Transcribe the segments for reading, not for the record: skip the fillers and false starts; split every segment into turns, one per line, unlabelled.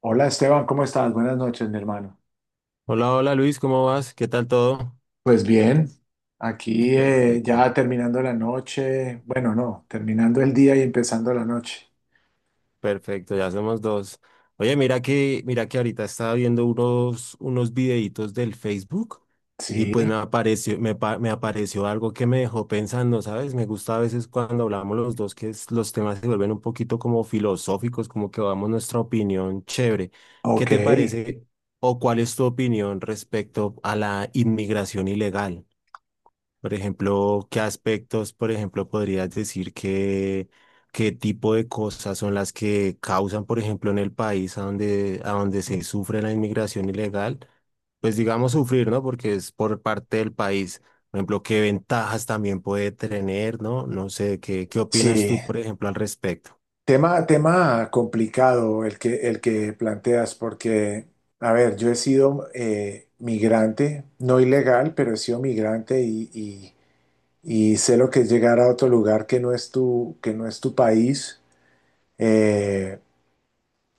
Hola Esteban, ¿cómo estás? Buenas noches, mi hermano.
Hola, hola Luis, ¿cómo vas? ¿Qué tal todo?
Pues bien, aquí
Perfecto,
ya terminando la noche, bueno, no, terminando el día y empezando la noche.
perfecto, ya somos dos. Oye, mira que ahorita estaba viendo unos videitos del Facebook y pues me
Sí,
apareció, me apareció algo que me dejó pensando, ¿sabes? Me gusta a veces cuando hablamos los dos que los temas se vuelven un poquito como filosóficos, como que damos nuestra opinión chévere. ¿Qué
ok,
te parece o cuál es tu opinión respecto a la inmigración ilegal? Por ejemplo, ¿qué aspectos, por ejemplo, podrías decir que, qué tipo de cosas son las que causan, por ejemplo, en el país a donde se sufre la inmigración ilegal? Pues digamos sufrir, ¿no? Porque es por parte del país. Por ejemplo, ¿qué ventajas también puede tener, ¿no? No sé, ¿qué, qué opinas
sí.
tú, por ejemplo, al respecto?
Tema complicado el que planteas, porque, a ver, yo he sido migrante, no ilegal, pero he sido migrante y sé lo que es llegar a otro lugar que no es que no es tu país. Eh,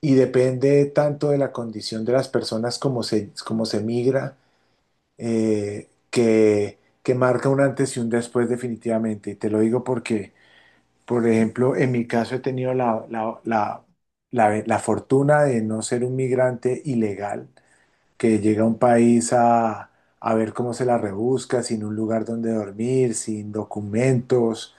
y depende tanto de la condición de las personas como como se migra, que marca un antes y un después definitivamente. Y te lo digo porque, por ejemplo, en mi caso he tenido la fortuna de no ser un migrante ilegal que llega a un país a ver cómo se la rebusca, sin un lugar donde dormir, sin documentos,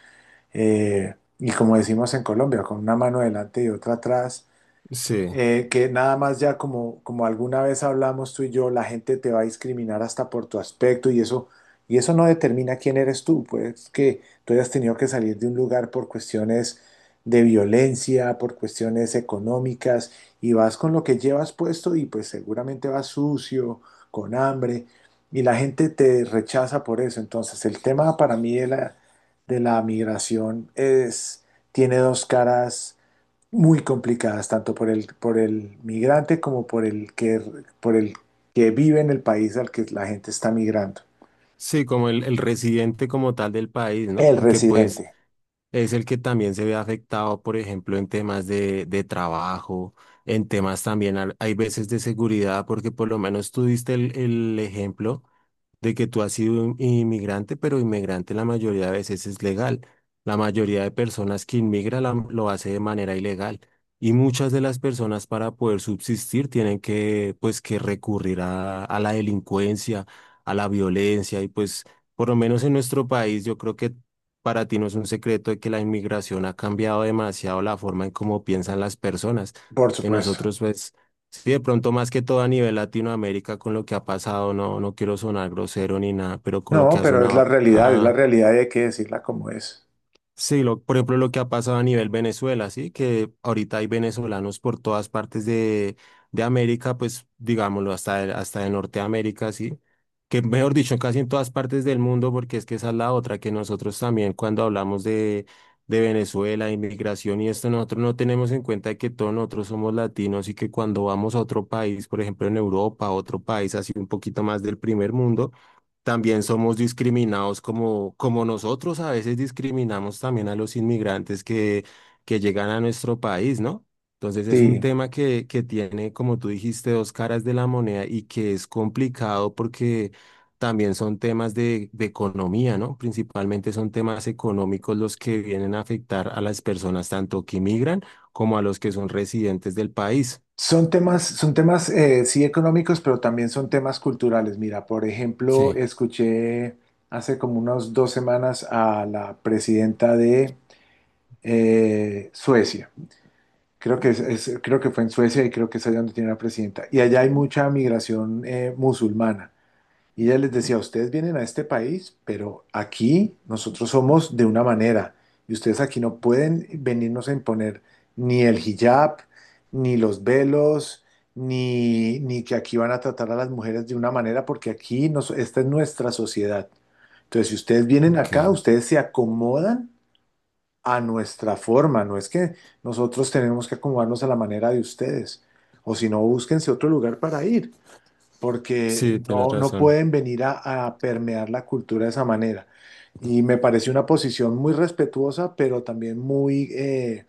y como decimos en Colombia, con una mano adelante y otra atrás
Sí,
que nada más ya como alguna vez hablamos tú y yo, la gente te va a discriminar hasta por tu aspecto y eso no determina quién eres tú, pues que tú hayas tenido que salir de un lugar por cuestiones de violencia, por cuestiones económicas, y vas con lo que llevas puesto y pues seguramente vas sucio, con hambre, y la gente te rechaza por eso. Entonces, el tema para mí de de la migración es, tiene dos caras muy complicadas, tanto por por el migrante como por por el que vive en el país al que la gente está migrando.
sí, como el residente como tal del país, ¿no?
El
Porque pues...
residente,
Es el que también se ve afectado, por ejemplo, en temas de trabajo, en temas también, al- hay veces de seguridad, porque por lo menos tú diste el ejemplo de que tú has sido inmigrante, pero inmigrante la mayoría de veces es legal. La mayoría de personas que inmigra lo hace de manera ilegal. Y muchas de las personas para poder subsistir tienen que, pues, que recurrir a la delincuencia, a la violencia. Y pues, por lo menos en nuestro país, yo creo que para ti no es un secreto de que la inmigración ha cambiado demasiado la forma en cómo piensan las personas.
por
Que
supuesto.
nosotros, pues, sí, de pronto más que todo a nivel Latinoamérica con lo que ha pasado, no, no quiero sonar grosero ni nada, pero con lo que
No,
ha
pero
sonado
es la realidad y hay que decirla como es.
sí, lo, por ejemplo, lo que ha pasado a nivel Venezuela, ¿sí? Que ahorita hay venezolanos por todas partes de América, pues digámoslo, hasta, hasta de Norteamérica, ¿sí? Que mejor dicho, casi en todas partes del mundo, porque es que esa es la otra, que nosotros también cuando hablamos de Venezuela, inmigración y esto, nosotros no tenemos en cuenta que todos nosotros somos latinos y que cuando vamos a otro país, por ejemplo, en Europa, a otro país así un poquito más del primer mundo, también somos discriminados como, como nosotros a veces discriminamos también a los inmigrantes que llegan a nuestro país, ¿no? Entonces es un
Sí,
tema que tiene, como tú dijiste, dos caras de la moneda y que es complicado porque también son temas de economía, ¿no? Principalmente son temas económicos los que vienen a afectar a las personas tanto que migran como a los que son residentes del país.
son temas, sí, económicos, pero también son temas culturales. Mira, por ejemplo,
Sí,
escuché hace como unas 2 semanas a la presidenta de Suecia. Creo que creo que fue en Suecia y creo que es allá donde tiene la presidenta. Y allá hay mucha migración musulmana. Y ella les decía, ustedes vienen a este país, pero aquí nosotros somos de una manera. Y ustedes aquí no pueden venirnos a imponer ni el hijab, ni los velos, ni que aquí van a tratar a las mujeres de una manera, porque aquí nos, esta es nuestra sociedad. Entonces, si ustedes vienen
ok.
acá, ustedes se acomodan a nuestra forma, no es que nosotros tenemos que acomodarnos a la manera de ustedes, o si no, búsquense otro lugar para ir, porque
Sí, tienes
no, no
razón.
pueden venir a permear la cultura de esa manera. Y me pareció una posición muy respetuosa, pero también muy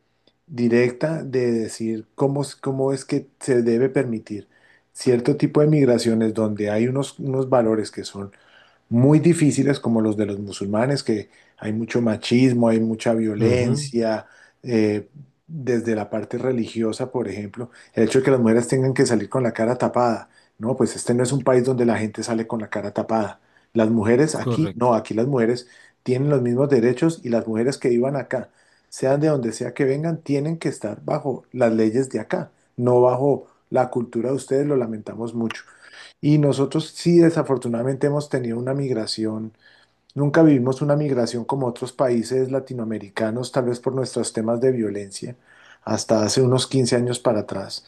directa de decir cómo es que se debe permitir cierto tipo de migraciones donde hay unos valores que son muy difíciles como los de los musulmanes, que hay mucho machismo, hay mucha
Ujú,
violencia, eh, desde la parte religiosa, por ejemplo, el hecho de que las mujeres tengan que salir con la cara tapada. No, pues este no es un país donde la gente sale con la cara tapada. Las mujeres aquí,
correcto.
no, aquí las mujeres tienen los mismos derechos y las mujeres que vivan acá, sean de donde sea que vengan, tienen que estar bajo las leyes de acá, no bajo la cultura de ustedes, lo lamentamos mucho. Y nosotros sí, desafortunadamente hemos tenido una migración, nunca vivimos una migración como otros países latinoamericanos, tal vez por nuestros temas de violencia, hasta hace unos 15 años para atrás.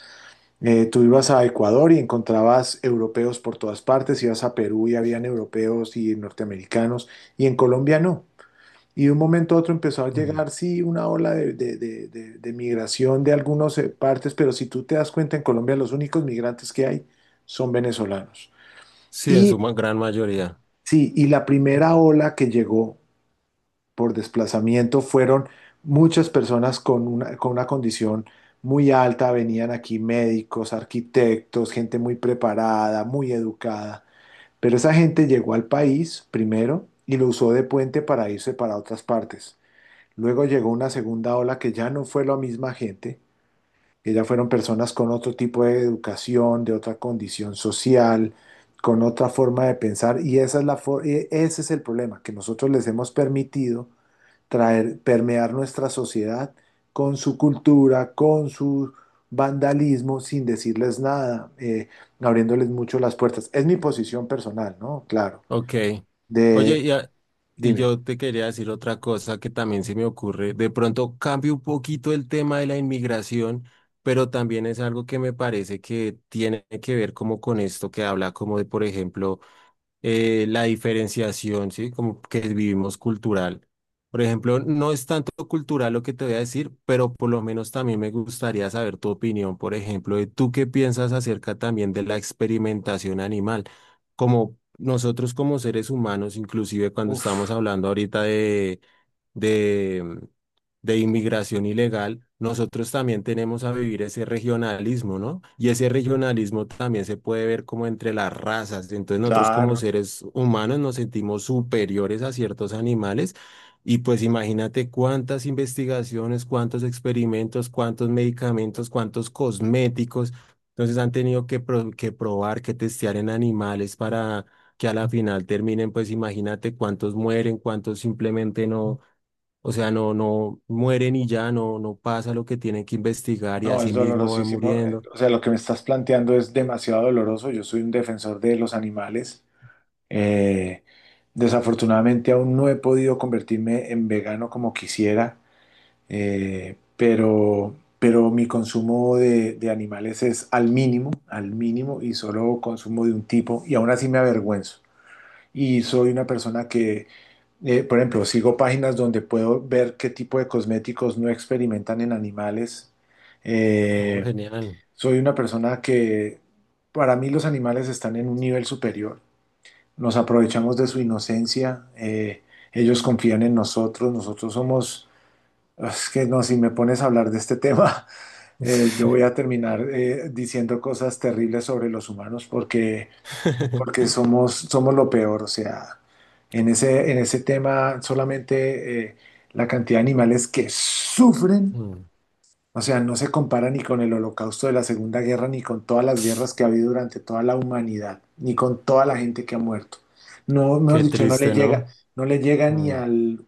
Tú ibas a Ecuador y encontrabas europeos por todas partes, ibas a Perú y habían europeos y norteamericanos, y en Colombia no. Y de un momento a otro empezó a llegar, sí, una ola de migración de algunas partes, pero si tú te das cuenta, en Colombia los únicos migrantes que hay son venezolanos.
Sí, en
Y
su gran mayoría.
sí, y la primera ola que llegó por desplazamiento fueron muchas personas con con una condición muy alta, venían aquí médicos, arquitectos, gente muy preparada, muy educada, pero esa gente llegó al país primero y lo usó de puente para irse para otras partes. Luego llegó una segunda ola que ya no fue la misma gente, que ya fueron personas con otro tipo de educación, de otra condición social, con otra forma de pensar, y esa es ese es el problema, que nosotros les hemos permitido traer, permear nuestra sociedad con su cultura, con su vandalismo, sin decirles nada, abriéndoles mucho las puertas. Es mi posición personal, ¿no? Claro.
Ok. Oye,
De,
y
dime.
yo te quería decir otra cosa que también se me ocurre. De pronto cambio un poquito el tema de la inmigración, pero también es algo que me parece que tiene que ver como con esto que habla como de, por ejemplo, la diferenciación, ¿sí? Como que vivimos cultural. Por ejemplo, no es tanto cultural lo que te voy a decir, pero por lo menos también me gustaría saber tu opinión, por ejemplo, de tú qué piensas acerca también de la experimentación animal. Como nosotros como seres humanos, inclusive cuando estamos
Uf,
hablando ahorita de, de inmigración ilegal, nosotros también tenemos a vivir ese regionalismo, ¿no? Y ese regionalismo también se puede ver como entre las razas. Entonces nosotros como
claro.
seres humanos nos sentimos superiores a ciertos animales. Y pues imagínate cuántas investigaciones, cuántos experimentos, cuántos medicamentos, cuántos cosméticos. Entonces han tenido que, que probar, que testear en animales para que a la final terminen, pues imagínate cuántos mueren, cuántos simplemente no, o sea, no, no mueren y ya no, no pasa lo que tienen que investigar y
No,
así
es
mismo van
dolorosísimo.
muriendo.
O sea, lo que me estás planteando es demasiado doloroso. Yo soy un defensor de los animales. Eh, desafortunadamente aún no he podido convertirme en vegano como quisiera, pero mi consumo de animales es al mínimo, y solo consumo de un tipo, y aún así me avergüenzo. Y soy una persona que, por ejemplo, sigo páginas donde puedo ver qué tipo de cosméticos no experimentan en animales.
Oh,
Eh,
genial.
soy una persona que, para mí, los animales están en un nivel superior. Nos aprovechamos de su inocencia, ellos confían en nosotros, nosotros somos... Es que no, si me pones a hablar de este tema, yo voy a terminar diciendo cosas terribles sobre los humanos porque, porque somos, somos lo peor. O sea, en en ese tema solamente la cantidad de animales que sufren
Mm,
o sea, no se compara ni con el holocausto de la Segunda Guerra, ni con todas las guerras que ha habido durante toda la humanidad, ni con toda la gente que ha muerto. No, mejor
qué
dicho, no le
triste,
llega,
¿no?
no le llega
Mm.
ni
O
al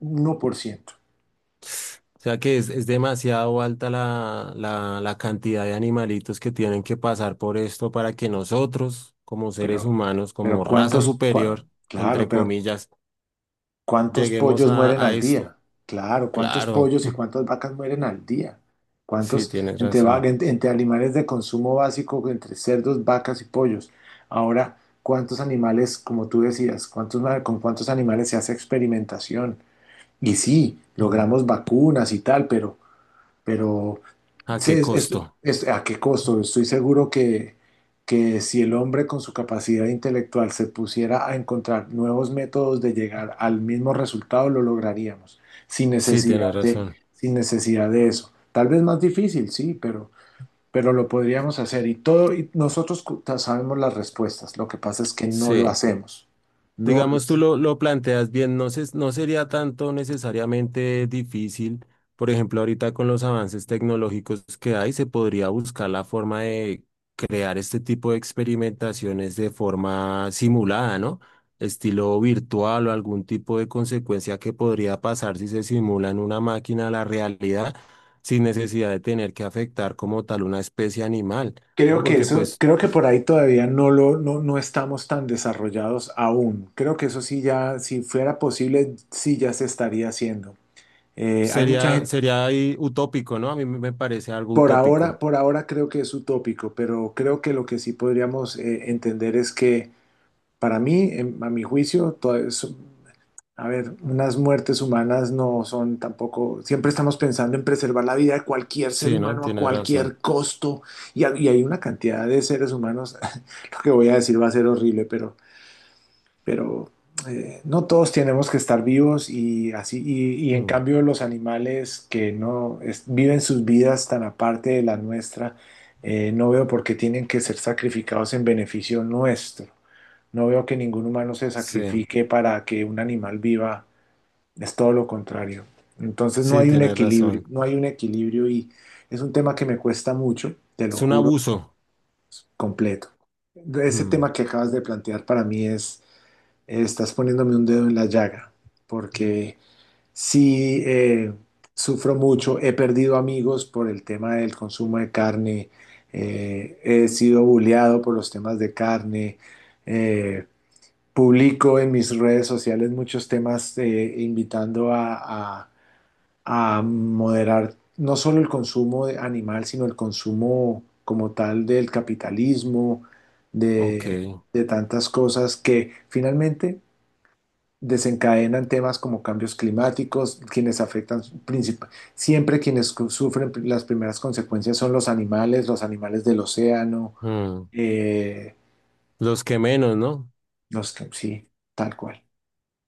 1%.
sea que es demasiado alta la cantidad de animalitos que tienen que pasar por esto para que nosotros, como seres
Pero,
humanos, como
pero
raza superior,
claro,
entre
pero
comillas,
¿cuántos
lleguemos
pollos mueren
a
al
esto.
día? Claro, ¿cuántos
Claro,
pollos y cuántas vacas mueren al día?
sí,
¿Cuántos
tienes razón.
entre animales de consumo básico, entre cerdos, vacas y pollos? Ahora, ¿cuántos animales, como tú decías, con cuántos animales se hace experimentación? Y sí,
Mm.
logramos vacunas y tal, pero
¿A
sí,
qué costo?
¿a qué costo? Estoy seguro que si el hombre con su capacidad intelectual se pusiera a encontrar nuevos métodos de llegar al mismo resultado, lo lograríamos, sin
Sí,
necesidad
tienes
de,
razón.
sin necesidad de eso. Tal vez más difícil, sí, pero lo podríamos hacer. Y todo, y nosotros sabemos las respuestas. Lo que pasa es que no lo
Sí,
hacemos. No lo
digamos tú
hacemos.
lo planteas bien, no, no sería tanto necesariamente difícil, por ejemplo, ahorita con los avances tecnológicos que hay, se podría buscar la forma de crear este tipo de experimentaciones de forma simulada, ¿no? Estilo virtual o algún tipo de consecuencia que podría pasar si se simula en una máquina la realidad sin necesidad de tener que afectar como tal una especie animal. ¿No?
Creo que
Porque
eso,
pues
creo que por ahí todavía no no estamos tan desarrollados aún. Creo que eso sí ya, si fuera posible, sí ya se estaría haciendo. Hay mucha
sería,
gente,
sería ahí utópico, ¿no? A mí me parece algo utópico.
por ahora creo que es utópico, pero creo que lo que sí podríamos entender es que para mí, a mi juicio, todo eso- A ver, unas muertes humanas no son tampoco, siempre estamos pensando en preservar la vida de cualquier ser
Sí, ¿no?
humano a
Tienes
cualquier
razón.
costo y hay una cantidad de seres humanos, lo que voy a decir va a ser horrible, pero no todos tenemos que estar vivos y así, y en
Mm.
cambio los animales que no es- viven sus vidas tan aparte de la nuestra, no veo por qué tienen que ser sacrificados en beneficio nuestro. No veo que ningún humano se
Sí,
sacrifique para que un animal viva. Es todo lo contrario. Entonces no
sí,
hay un
tienes
equilibrio,
razón.
no hay un equilibrio y es un tema que me cuesta mucho, te lo
Es un
juro,
abuso.
completo. Ese
Mm.
tema que acabas de plantear para mí es, estás poniéndome un dedo en la llaga, porque sí sufro mucho, he perdido amigos por el tema del consumo de carne, he sido bulleado por los temas de carne, eh, publico en mis redes sociales muchos temas invitando a moderar no solo el consumo de animal, sino el consumo como tal del capitalismo,
Ok.
de, de tantas cosas que finalmente desencadenan temas como cambios climáticos, siempre sufren las primeras consecuencias son los animales del océano,
Mm.
eh,
Los que menos, ¿no?
sí, tal cual.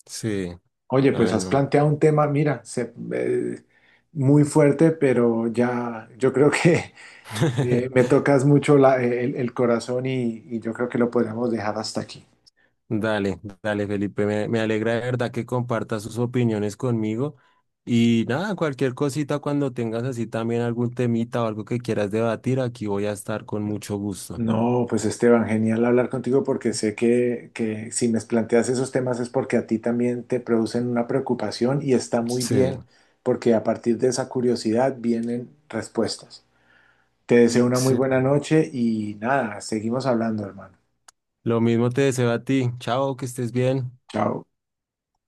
Sí.
Oye, pues
Ay,
has
no.
planteado un tema, mira, muy fuerte, pero ya yo creo que me tocas mucho el corazón y yo creo que lo podríamos dejar hasta aquí.
Dale, dale, Felipe. Me alegra de verdad que compartas sus opiniones conmigo. Y nada, cualquier cosita cuando tengas así también algún temita o algo que quieras debatir, aquí voy a estar con mucho gusto.
No, pues Esteban, genial hablar contigo porque sé que si me planteas esos temas es porque a ti también te producen una preocupación y está muy
Sí,
bien porque a partir de esa curiosidad vienen respuestas. Te deseo una muy
sí.
buena noche y nada, seguimos hablando, hermano.
Lo mismo te deseo a ti. Chao, que estés bien.
Chao.